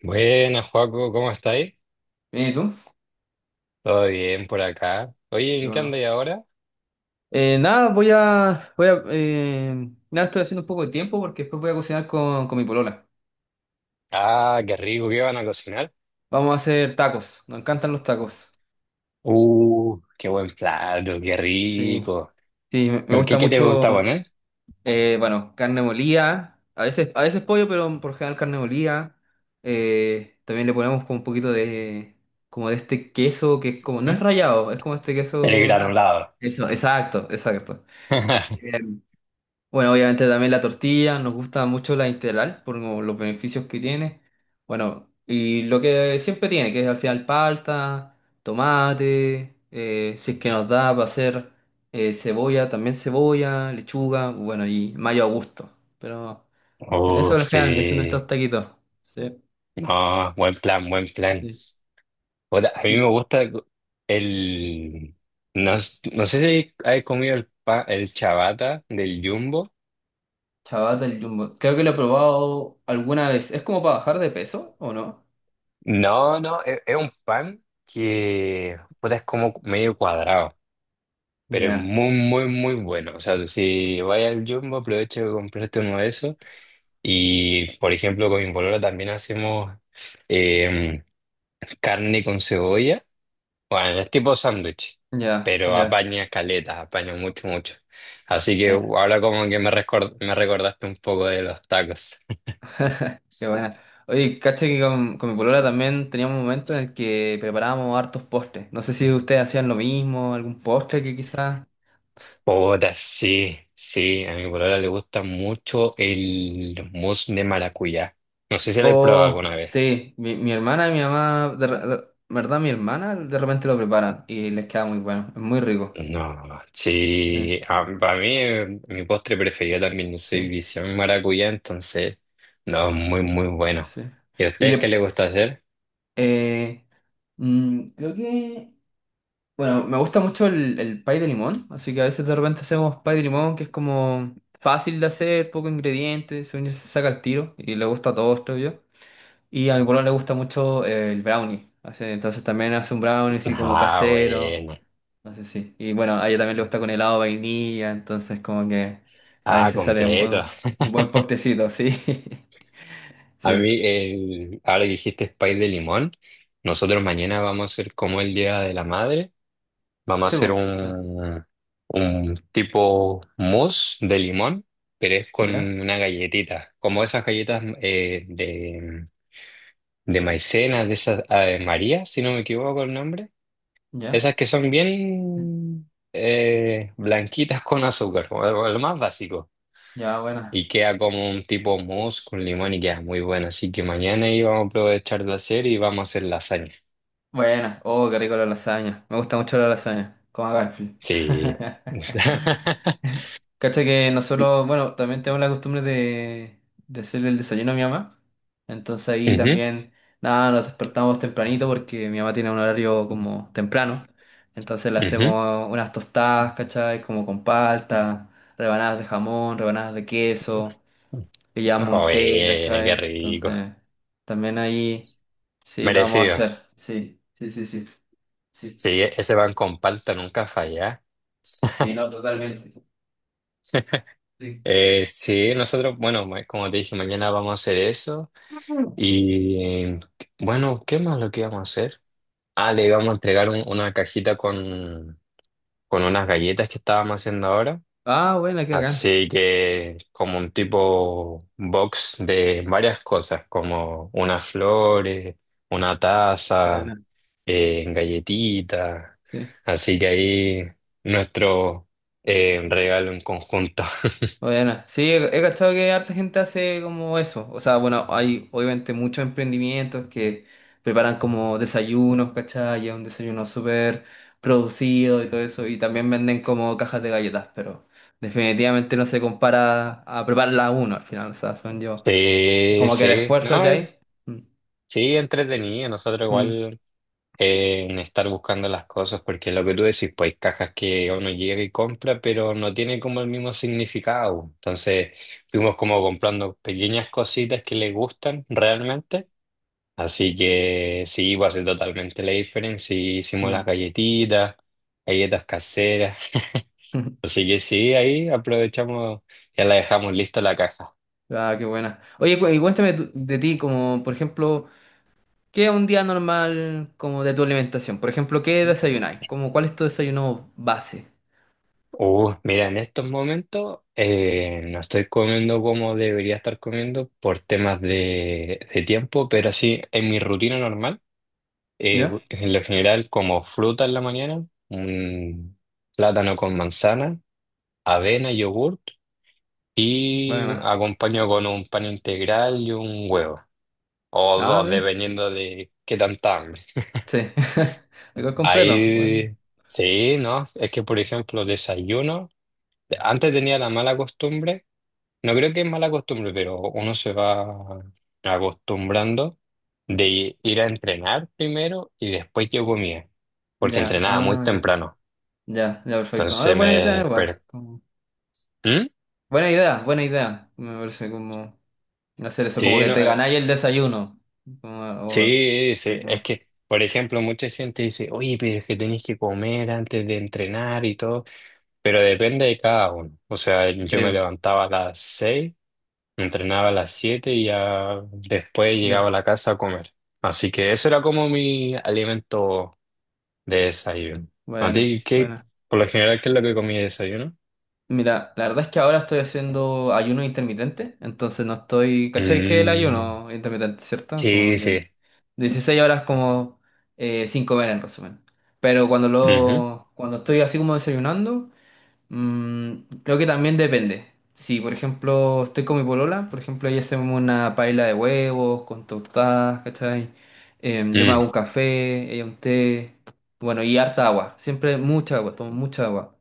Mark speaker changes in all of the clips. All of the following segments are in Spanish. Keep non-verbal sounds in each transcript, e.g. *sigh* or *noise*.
Speaker 1: Buenas, Joaco, ¿cómo estáis?
Speaker 2: Bien, ¿y tú?
Speaker 1: Todo bien por acá. Oye,
Speaker 2: Qué
Speaker 1: ¿en qué
Speaker 2: bueno.
Speaker 1: andáis ahora?
Speaker 2: Nada, estoy haciendo un poco de tiempo porque después voy a cocinar con mi polola.
Speaker 1: Ah, qué rico, ¿qué van a cocinar?
Speaker 2: Vamos a hacer tacos, nos encantan los tacos.
Speaker 1: Qué buen plato, qué
Speaker 2: Sí,
Speaker 1: rico.
Speaker 2: sí, me
Speaker 1: ¿Qué,
Speaker 2: gusta
Speaker 1: qué te gusta
Speaker 2: mucho,
Speaker 1: poner?
Speaker 2: bueno, carne molida, a veces pollo, pero por lo general carne molida. También le ponemos como un poquito de, como de este queso que es como, no es rallado, es como este
Speaker 1: El
Speaker 2: queso, nada.
Speaker 1: granulado.
Speaker 2: Eso, exacto, exacto.
Speaker 1: *laughs*
Speaker 2: Bueno, obviamente también la tortilla, nos gusta mucho la integral por como los beneficios que tiene. Bueno, y lo que siempre tiene, que es al final palta, tomate, si es que nos da para hacer cebolla, también cebolla, lechuga, bueno, y mayo a gusto. Pero en eso,
Speaker 1: Uf,
Speaker 2: en
Speaker 1: sí.
Speaker 2: general, ese es nuestros taquitos. Sí.
Speaker 1: No, buen plan, buen plan.
Speaker 2: Sí.
Speaker 1: Puta, a mí me
Speaker 2: Y
Speaker 1: gusta el... No, no sé si has comido el pan, el chabata del Jumbo.
Speaker 2: chabata el jumbo, creo que lo he probado alguna vez. ¿Es como para bajar de peso o no?
Speaker 1: No, es un pan que puta, es como medio cuadrado. Pero es
Speaker 2: Ya,
Speaker 1: muy, muy, muy bueno. O sea, si vais al Jumbo, aprovecha de comprarte uno de esos. Y, por ejemplo, con mi polola también hacemos eh, carne con cebolla. Bueno, es tipo sándwich,
Speaker 2: ya,
Speaker 1: pero
Speaker 2: ya.
Speaker 1: apaña caletas, apaña mucho, mucho. Así que ahora como que me recordaste un poco de los tacos.
Speaker 2: *laughs* Qué buena. Oye, caché que con mi polola también teníamos un momento en el que preparábamos hartos postres. No sé si ustedes hacían lo mismo, algún postre que quizás.
Speaker 1: Puta, sí, sí, a mi polola le gusta mucho el mousse de maracuyá. No sé si lo he probado
Speaker 2: O
Speaker 1: alguna vez.
Speaker 2: sí, mi hermana y mi mamá, ¿verdad? Mi hermana de repente lo preparan y les queda muy bueno, es muy rico.
Speaker 1: No,
Speaker 2: Sí,
Speaker 1: sí, para mí mi postre preferido también, yo soy
Speaker 2: sí,
Speaker 1: visión maracuyá, entonces, no, es muy, muy bueno.
Speaker 2: sí.
Speaker 1: ¿Y a
Speaker 2: Y
Speaker 1: ustedes qué
Speaker 2: le,
Speaker 1: les gusta hacer? *laughs*
Speaker 2: eh, mm, creo que Bueno, me gusta mucho el pie de limón, así que a veces de repente hacemos pie de limón, que es como fácil de hacer, poco ingredientes, según yo se saca el tiro y le gusta a todos, creo yo. Y a mi polola le gusta mucho el brownie, entonces también hace un brownie así como
Speaker 1: Ah,
Speaker 2: casero,
Speaker 1: bueno,
Speaker 2: no sé si. Y bueno, a ella también le gusta con helado de vainilla, entonces como que a
Speaker 1: ah,
Speaker 2: veces sale
Speaker 1: completo.
Speaker 2: un buen postrecito, sí. *laughs*
Speaker 1: A
Speaker 2: Sí.
Speaker 1: mí, el, ahora que dijiste pay de limón, nosotros mañana vamos a hacer como el Día de la Madre, vamos a
Speaker 2: Sí,
Speaker 1: hacer
Speaker 2: po. Sí.
Speaker 1: un tipo mousse de limón, pero es con
Speaker 2: ¿Ya?
Speaker 1: una galletita, como esas galletas de maicena, de esas María, si no me equivoco el nombre.
Speaker 2: ¿Ya?
Speaker 1: Esas que son bien blanquitas con azúcar, como lo más básico.
Speaker 2: Ya, bueno.
Speaker 1: Y queda como un tipo mousse con limón y queda muy bueno. Así que mañana íbamos a aprovechar de hacer y vamos a hacer lasaña.
Speaker 2: Buena. Oh, qué rico la lasaña. Me gusta mucho la lasaña. Como a Garfield.
Speaker 1: Sí. *laughs*
Speaker 2: *laughs* Cacha que nosotros, bueno, también tenemos la costumbre de hacerle el desayuno a mi mamá. Entonces ahí
Speaker 1: Ujú,
Speaker 2: también, nada, nos despertamos tempranito porque mi mamá tiene un horario como temprano. Entonces le
Speaker 1: ujú.
Speaker 2: hacemos unas tostadas, ¿cachai? Como con palta, rebanadas de jamón, rebanadas de queso, le llevamos un té,
Speaker 1: Joder,
Speaker 2: ¿cachai?
Speaker 1: qué rico.
Speaker 2: Entonces también ahí sí lo vamos a
Speaker 1: Merecido.
Speaker 2: hacer. Sí, sí, sí, sí. Sí,
Speaker 1: Sí, ese pan con palta nunca falla.
Speaker 2: sí,
Speaker 1: *laughs*
Speaker 2: no, totalmente. Sí.
Speaker 1: Sí, nosotros, bueno, como te dije, mañana vamos a hacer eso. Y bueno, ¿qué más lo que íbamos a hacer? Ah, le íbamos a entregar una cajita con unas galletas que estábamos haciendo ahora.
Speaker 2: Ah, bueno, qué bacán.
Speaker 1: Así que como un tipo box de varias cosas, como unas flores, una taza,
Speaker 2: Bueno,
Speaker 1: galletitas.
Speaker 2: sí.
Speaker 1: Así que ahí nuestro regalo en conjunto. *laughs*
Speaker 2: Bueno, sí, he cachado que harta gente hace como eso. O sea, bueno, hay obviamente muchos emprendimientos que preparan como desayunos, ¿cachai? Y es un desayuno súper producido y todo eso. Y también venden como cajas de galletas, pero definitivamente no se compara a prepararla uno al final. O sea, son yo.
Speaker 1: Sí,
Speaker 2: Como que el
Speaker 1: sí,
Speaker 2: esfuerzo
Speaker 1: no,
Speaker 2: que hay. Mm,
Speaker 1: sí, entretenido. Nosotros
Speaker 2: mm,
Speaker 1: igual en estar buscando las cosas, porque lo que tú decís, pues hay cajas que uno llega y compra, pero no tiene como el mismo significado. Entonces fuimos como comprando pequeñas cositas que le gustan realmente. Así que sí, va a ser totalmente la diferencia. Y hicimos las
Speaker 2: mm.
Speaker 1: galletitas, galletas caseras.
Speaker 2: *laughs*
Speaker 1: Así que sí, ahí aprovechamos, ya la dejamos lista la caja.
Speaker 2: Ah, qué buena. Oye, y cuéntame de ti, como por ejemplo, ¿qué es un día normal como de tu alimentación? Por ejemplo, ¿qué desayunáis? Como, ¿cuál es tu desayuno base?
Speaker 1: Mira, en estos momentos no estoy comiendo como debería estar comiendo por temas de tiempo, pero sí, en mi rutina normal,
Speaker 2: ¿Ya?
Speaker 1: en lo general como fruta en la mañana, un plátano con manzana, avena, yogurt y
Speaker 2: Bueno,
Speaker 1: acompaño con un pan integral y un huevo, o
Speaker 2: ah,
Speaker 1: dos,
Speaker 2: bien.
Speaker 1: dependiendo de qué tanta hambre.
Speaker 2: Sí. *laughs* Igual completo. Bueno,
Speaker 1: Ahí, sí, ¿no? Es que, por ejemplo, desayuno. Antes tenía la mala costumbre. No creo que es mala costumbre, pero uno se va acostumbrando de ir a entrenar primero y después yo comía, porque
Speaker 2: ya,
Speaker 1: entrenaba muy
Speaker 2: ah, ya.
Speaker 1: temprano.
Speaker 2: Ya, ya, perfecto. Ah,
Speaker 1: Entonces me
Speaker 2: buena idea, igual.
Speaker 1: desperté.
Speaker 2: Buena idea, buena idea. Me parece como hacer eso, como
Speaker 1: Sí,
Speaker 2: que
Speaker 1: no,
Speaker 2: te ganáis el desayuno. Como, o-
Speaker 1: sí,
Speaker 2: ahí
Speaker 1: sí. Es
Speaker 2: como-
Speaker 1: que, por ejemplo, mucha gente dice, oye, pero es que tenés que comer antes de entrenar y todo, pero depende de cada uno. O sea, yo me
Speaker 2: Sí,
Speaker 1: levantaba a las seis. Entrenaba a las 7 y ya después llegaba
Speaker 2: ya.
Speaker 1: a la casa a comer. Así que eso era como mi alimento de desayuno. ¿A
Speaker 2: Bueno,
Speaker 1: ti qué,
Speaker 2: bueno.
Speaker 1: por lo general, qué es lo que comí de desayuno?
Speaker 2: Mira, la verdad es que ahora estoy haciendo ayuno intermitente, entonces no estoy, ¿cachai? Que el
Speaker 1: Mm,
Speaker 2: ayuno intermitente, ¿cierto? Como
Speaker 1: sí,
Speaker 2: que
Speaker 1: sí.
Speaker 2: 16 horas como sin comer en resumen. Pero
Speaker 1: Ujú.
Speaker 2: cuando estoy así como desayunando, mm, creo que también depende. Si, por ejemplo, estoy con mi polola, por ejemplo, ahí hacemos una paella de huevos con tostadas, ¿cachai? Yo me
Speaker 1: Mm,
Speaker 2: hago un café, ella un té, bueno, y harta agua, siempre mucha agua, tomo mucha agua.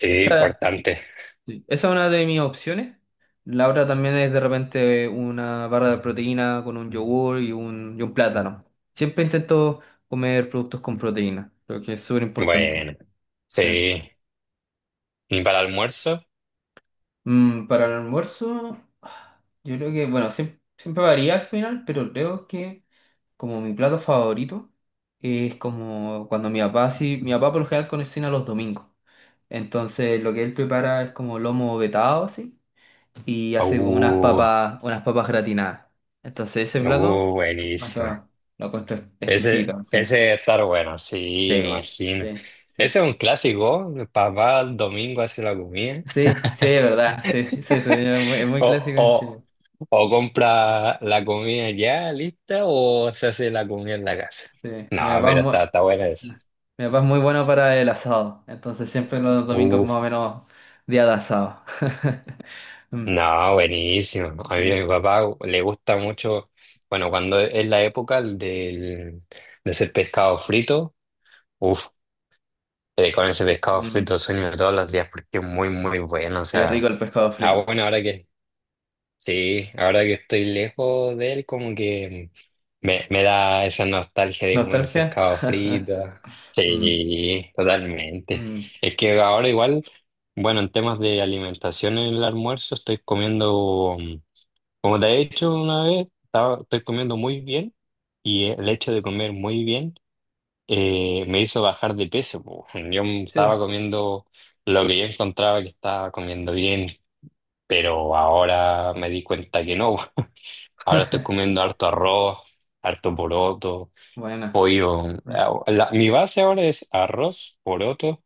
Speaker 1: sí,
Speaker 2: Esa
Speaker 1: importante.
Speaker 2: Sí, Esa es una de mis opciones. La otra también es de repente una barra de proteína con un yogur y y un plátano. Siempre intento comer productos con proteína, creo que es súper importante.
Speaker 1: Bueno,
Speaker 2: Sí.
Speaker 1: sí. ¿Y para el almuerzo?
Speaker 2: Mm, para el almuerzo, yo creo que, bueno, siempre, varía al final, pero creo que como mi plato favorito es como cuando mi papá, sí, mi papá por lo general cocina los domingos. Entonces lo que él prepara es como lomo vetado, así y hace como
Speaker 1: Uh,
Speaker 2: unas papas gratinadas. Entonces ese plato más
Speaker 1: buenísima.
Speaker 2: lo encuentro
Speaker 1: Ese,
Speaker 2: exquisito. Sí,
Speaker 1: ese debe estar bueno, sí, me
Speaker 2: sí,
Speaker 1: imagino.
Speaker 2: sí. Sí,
Speaker 1: Ese es un clásico. Papá el domingo hace la comida.
Speaker 2: sí, sí, es verdad, sí, sí, sí, es muy
Speaker 1: O,
Speaker 2: clásico en
Speaker 1: o,
Speaker 2: Chile.
Speaker 1: o compra la comida ya lista o se hace la comida en la casa.
Speaker 2: Sí,
Speaker 1: No,
Speaker 2: mi papá es
Speaker 1: pero
Speaker 2: muy,
Speaker 1: está, está buena esa.
Speaker 2: mi papá es muy bueno para el asado, entonces siempre los domingos
Speaker 1: Uf,
Speaker 2: más o menos día de asado. *laughs* Mm,
Speaker 1: no, buenísimo. A mí
Speaker 2: sí,
Speaker 1: a mi papá le gusta mucho, bueno, cuando es la época del, de hacer pescado frito, uf, con ese pescado
Speaker 2: mm,
Speaker 1: frito sueño todos los días porque es muy,
Speaker 2: sí.
Speaker 1: muy bueno. O
Speaker 2: Es rico
Speaker 1: sea,
Speaker 2: el pescado
Speaker 1: ah,
Speaker 2: frito.
Speaker 1: bueno, ahora que sí, ahora que estoy lejos de él, como que me da esa nostalgia de comer un
Speaker 2: ¿Nostalgia?
Speaker 1: pescado frito.
Speaker 2: *laughs* Mm,
Speaker 1: Sí, totalmente.
Speaker 2: mm,
Speaker 1: Es que ahora igual, bueno, en temas de alimentación en el almuerzo estoy comiendo, como te he dicho una vez, estoy comiendo muy bien y el hecho de comer muy bien me hizo bajar de peso. Po, yo
Speaker 2: sí.
Speaker 1: estaba comiendo lo que yo encontraba que estaba comiendo bien, pero ahora me di cuenta que no. Ahora estoy
Speaker 2: *laughs*
Speaker 1: comiendo harto arroz, harto poroto,
Speaker 2: Bueno,
Speaker 1: pollo.
Speaker 2: mm,
Speaker 1: Ah, mi base ahora es arroz, poroto,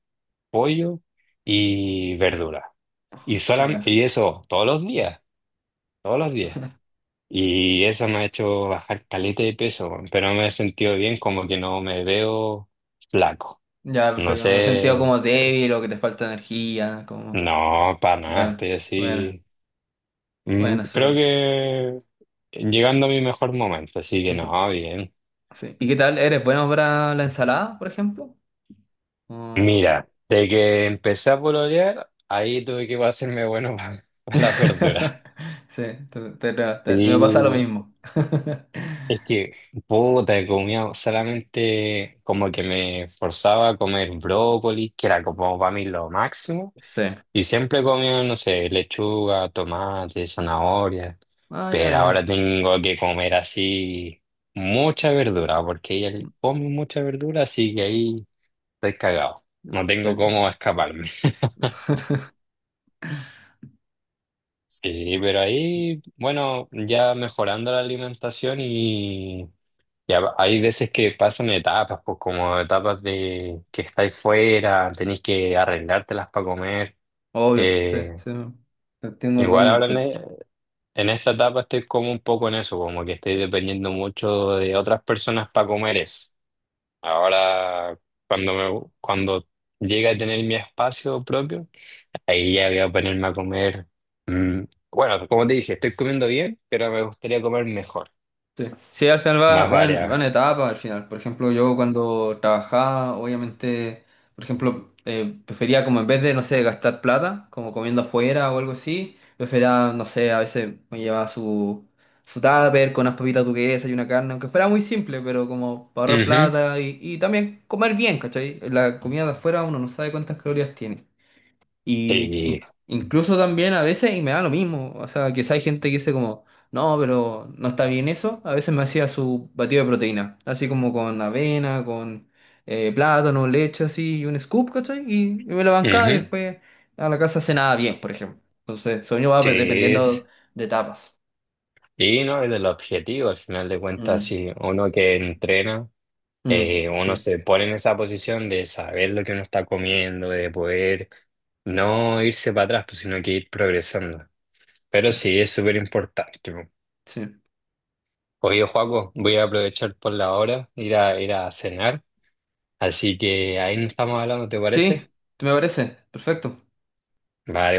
Speaker 1: pollo y verdura. Y,
Speaker 2: ya.
Speaker 1: y eso todos los días, todos los días. Y eso me ha hecho bajar caleta de peso, weón, pero me he sentido bien, como que no me veo flaco.
Speaker 2: Ya,
Speaker 1: No
Speaker 2: perfecto. No sentido
Speaker 1: sé,
Speaker 2: como débil o que te falta energía, como...
Speaker 1: no, para nada,
Speaker 2: Bueno,
Speaker 1: estoy
Speaker 2: bueno,
Speaker 1: así. Mm,
Speaker 2: bueno,
Speaker 1: creo
Speaker 2: súper.
Speaker 1: que llegando a mi mejor momento, así que
Speaker 2: Perfecto.
Speaker 1: no, bien.
Speaker 2: Sí. ¿Y qué tal? ¿Eres bueno para la ensalada, por ejemplo? O-
Speaker 1: Mira, de que empecé a pololear, ahí tuve que hacerme bueno *laughs* para las verduras.
Speaker 2: *laughs* Sí, me pasa lo
Speaker 1: Y
Speaker 2: mismo. *laughs*
Speaker 1: es que, puta, comía solamente como que me forzaba a comer brócoli, que era como para mí lo máximo.
Speaker 2: Sí.
Speaker 1: Y siempre comía, no sé, lechuga, tomate, zanahoria.
Speaker 2: Ah, ya,
Speaker 1: Pero ahora
Speaker 2: bien.
Speaker 1: tengo que comer así mucha verdura, porque ella come mucha verdura, así que ahí estoy cagado. No tengo
Speaker 2: Perfecto.
Speaker 1: cómo escaparme.
Speaker 2: *laughs*
Speaker 1: Sí, pero ahí, bueno, ya mejorando la alimentación y ya hay veces que pasan etapas, pues como etapas de que estáis fuera, tenéis que arreglártelas para comer.
Speaker 2: Obvio, sí,
Speaker 1: Eh,
Speaker 2: sí. Te entiendo
Speaker 1: igual ahora
Speaker 2: totalmente.
Speaker 1: en esta etapa estoy como un poco en eso, como que estoy dependiendo mucho de otras personas para comer eso. Ahora, cuando llegue a tener mi espacio propio. Ahí ya voy a ponerme a comer. Mm, bueno, como te dije, estoy comiendo bien, pero me gustaría comer mejor,
Speaker 2: Sí, sí, al final va,
Speaker 1: más
Speaker 2: va
Speaker 1: variado.
Speaker 2: en etapa, al final. Por ejemplo, yo cuando trabajaba, obviamente, por ejemplo, prefería como en vez de, no sé, gastar plata, como comiendo afuera o algo así, prefería, no sé, a veces me llevaba su tupper con unas papitas duquesas y una carne, aunque fuera muy simple, pero como para ahorrar
Speaker 1: Ujú,
Speaker 2: plata y también comer bien, ¿cachai? La comida de afuera uno no sabe cuántas calorías tiene. Y
Speaker 1: sí,
Speaker 2: incluso también a veces, y me da lo mismo, o sea, quizá hay gente que dice como, no, pero no está bien eso, a veces me hacía su batido de proteína, así como con avena, con plátano, leche, así, y un scoop, ¿cachai? Y me lo bancaba y
Speaker 1: ujú,
Speaker 2: después a la casa cenaba bien, por ejemplo. Entonces, sueño va
Speaker 1: sí,
Speaker 2: dependiendo
Speaker 1: es.
Speaker 2: de etapas.
Speaker 1: Y no es el objetivo, al final de cuentas,
Speaker 2: Mm,
Speaker 1: si uno que entrena,
Speaker 2: mm,
Speaker 1: uno
Speaker 2: sí,
Speaker 1: se pone en esa posición de saber lo que uno está comiendo, de poder no irse para atrás, pues, sino que ir progresando. Pero
Speaker 2: mm,
Speaker 1: sí, es súper importante, po.
Speaker 2: sí.
Speaker 1: Oye, Joaco, voy a aprovechar por la hora, ir ir a cenar. Así que ahí nos estamos hablando, ¿te
Speaker 2: Sí,
Speaker 1: parece?
Speaker 2: me parece, perfecto.
Speaker 1: Vale,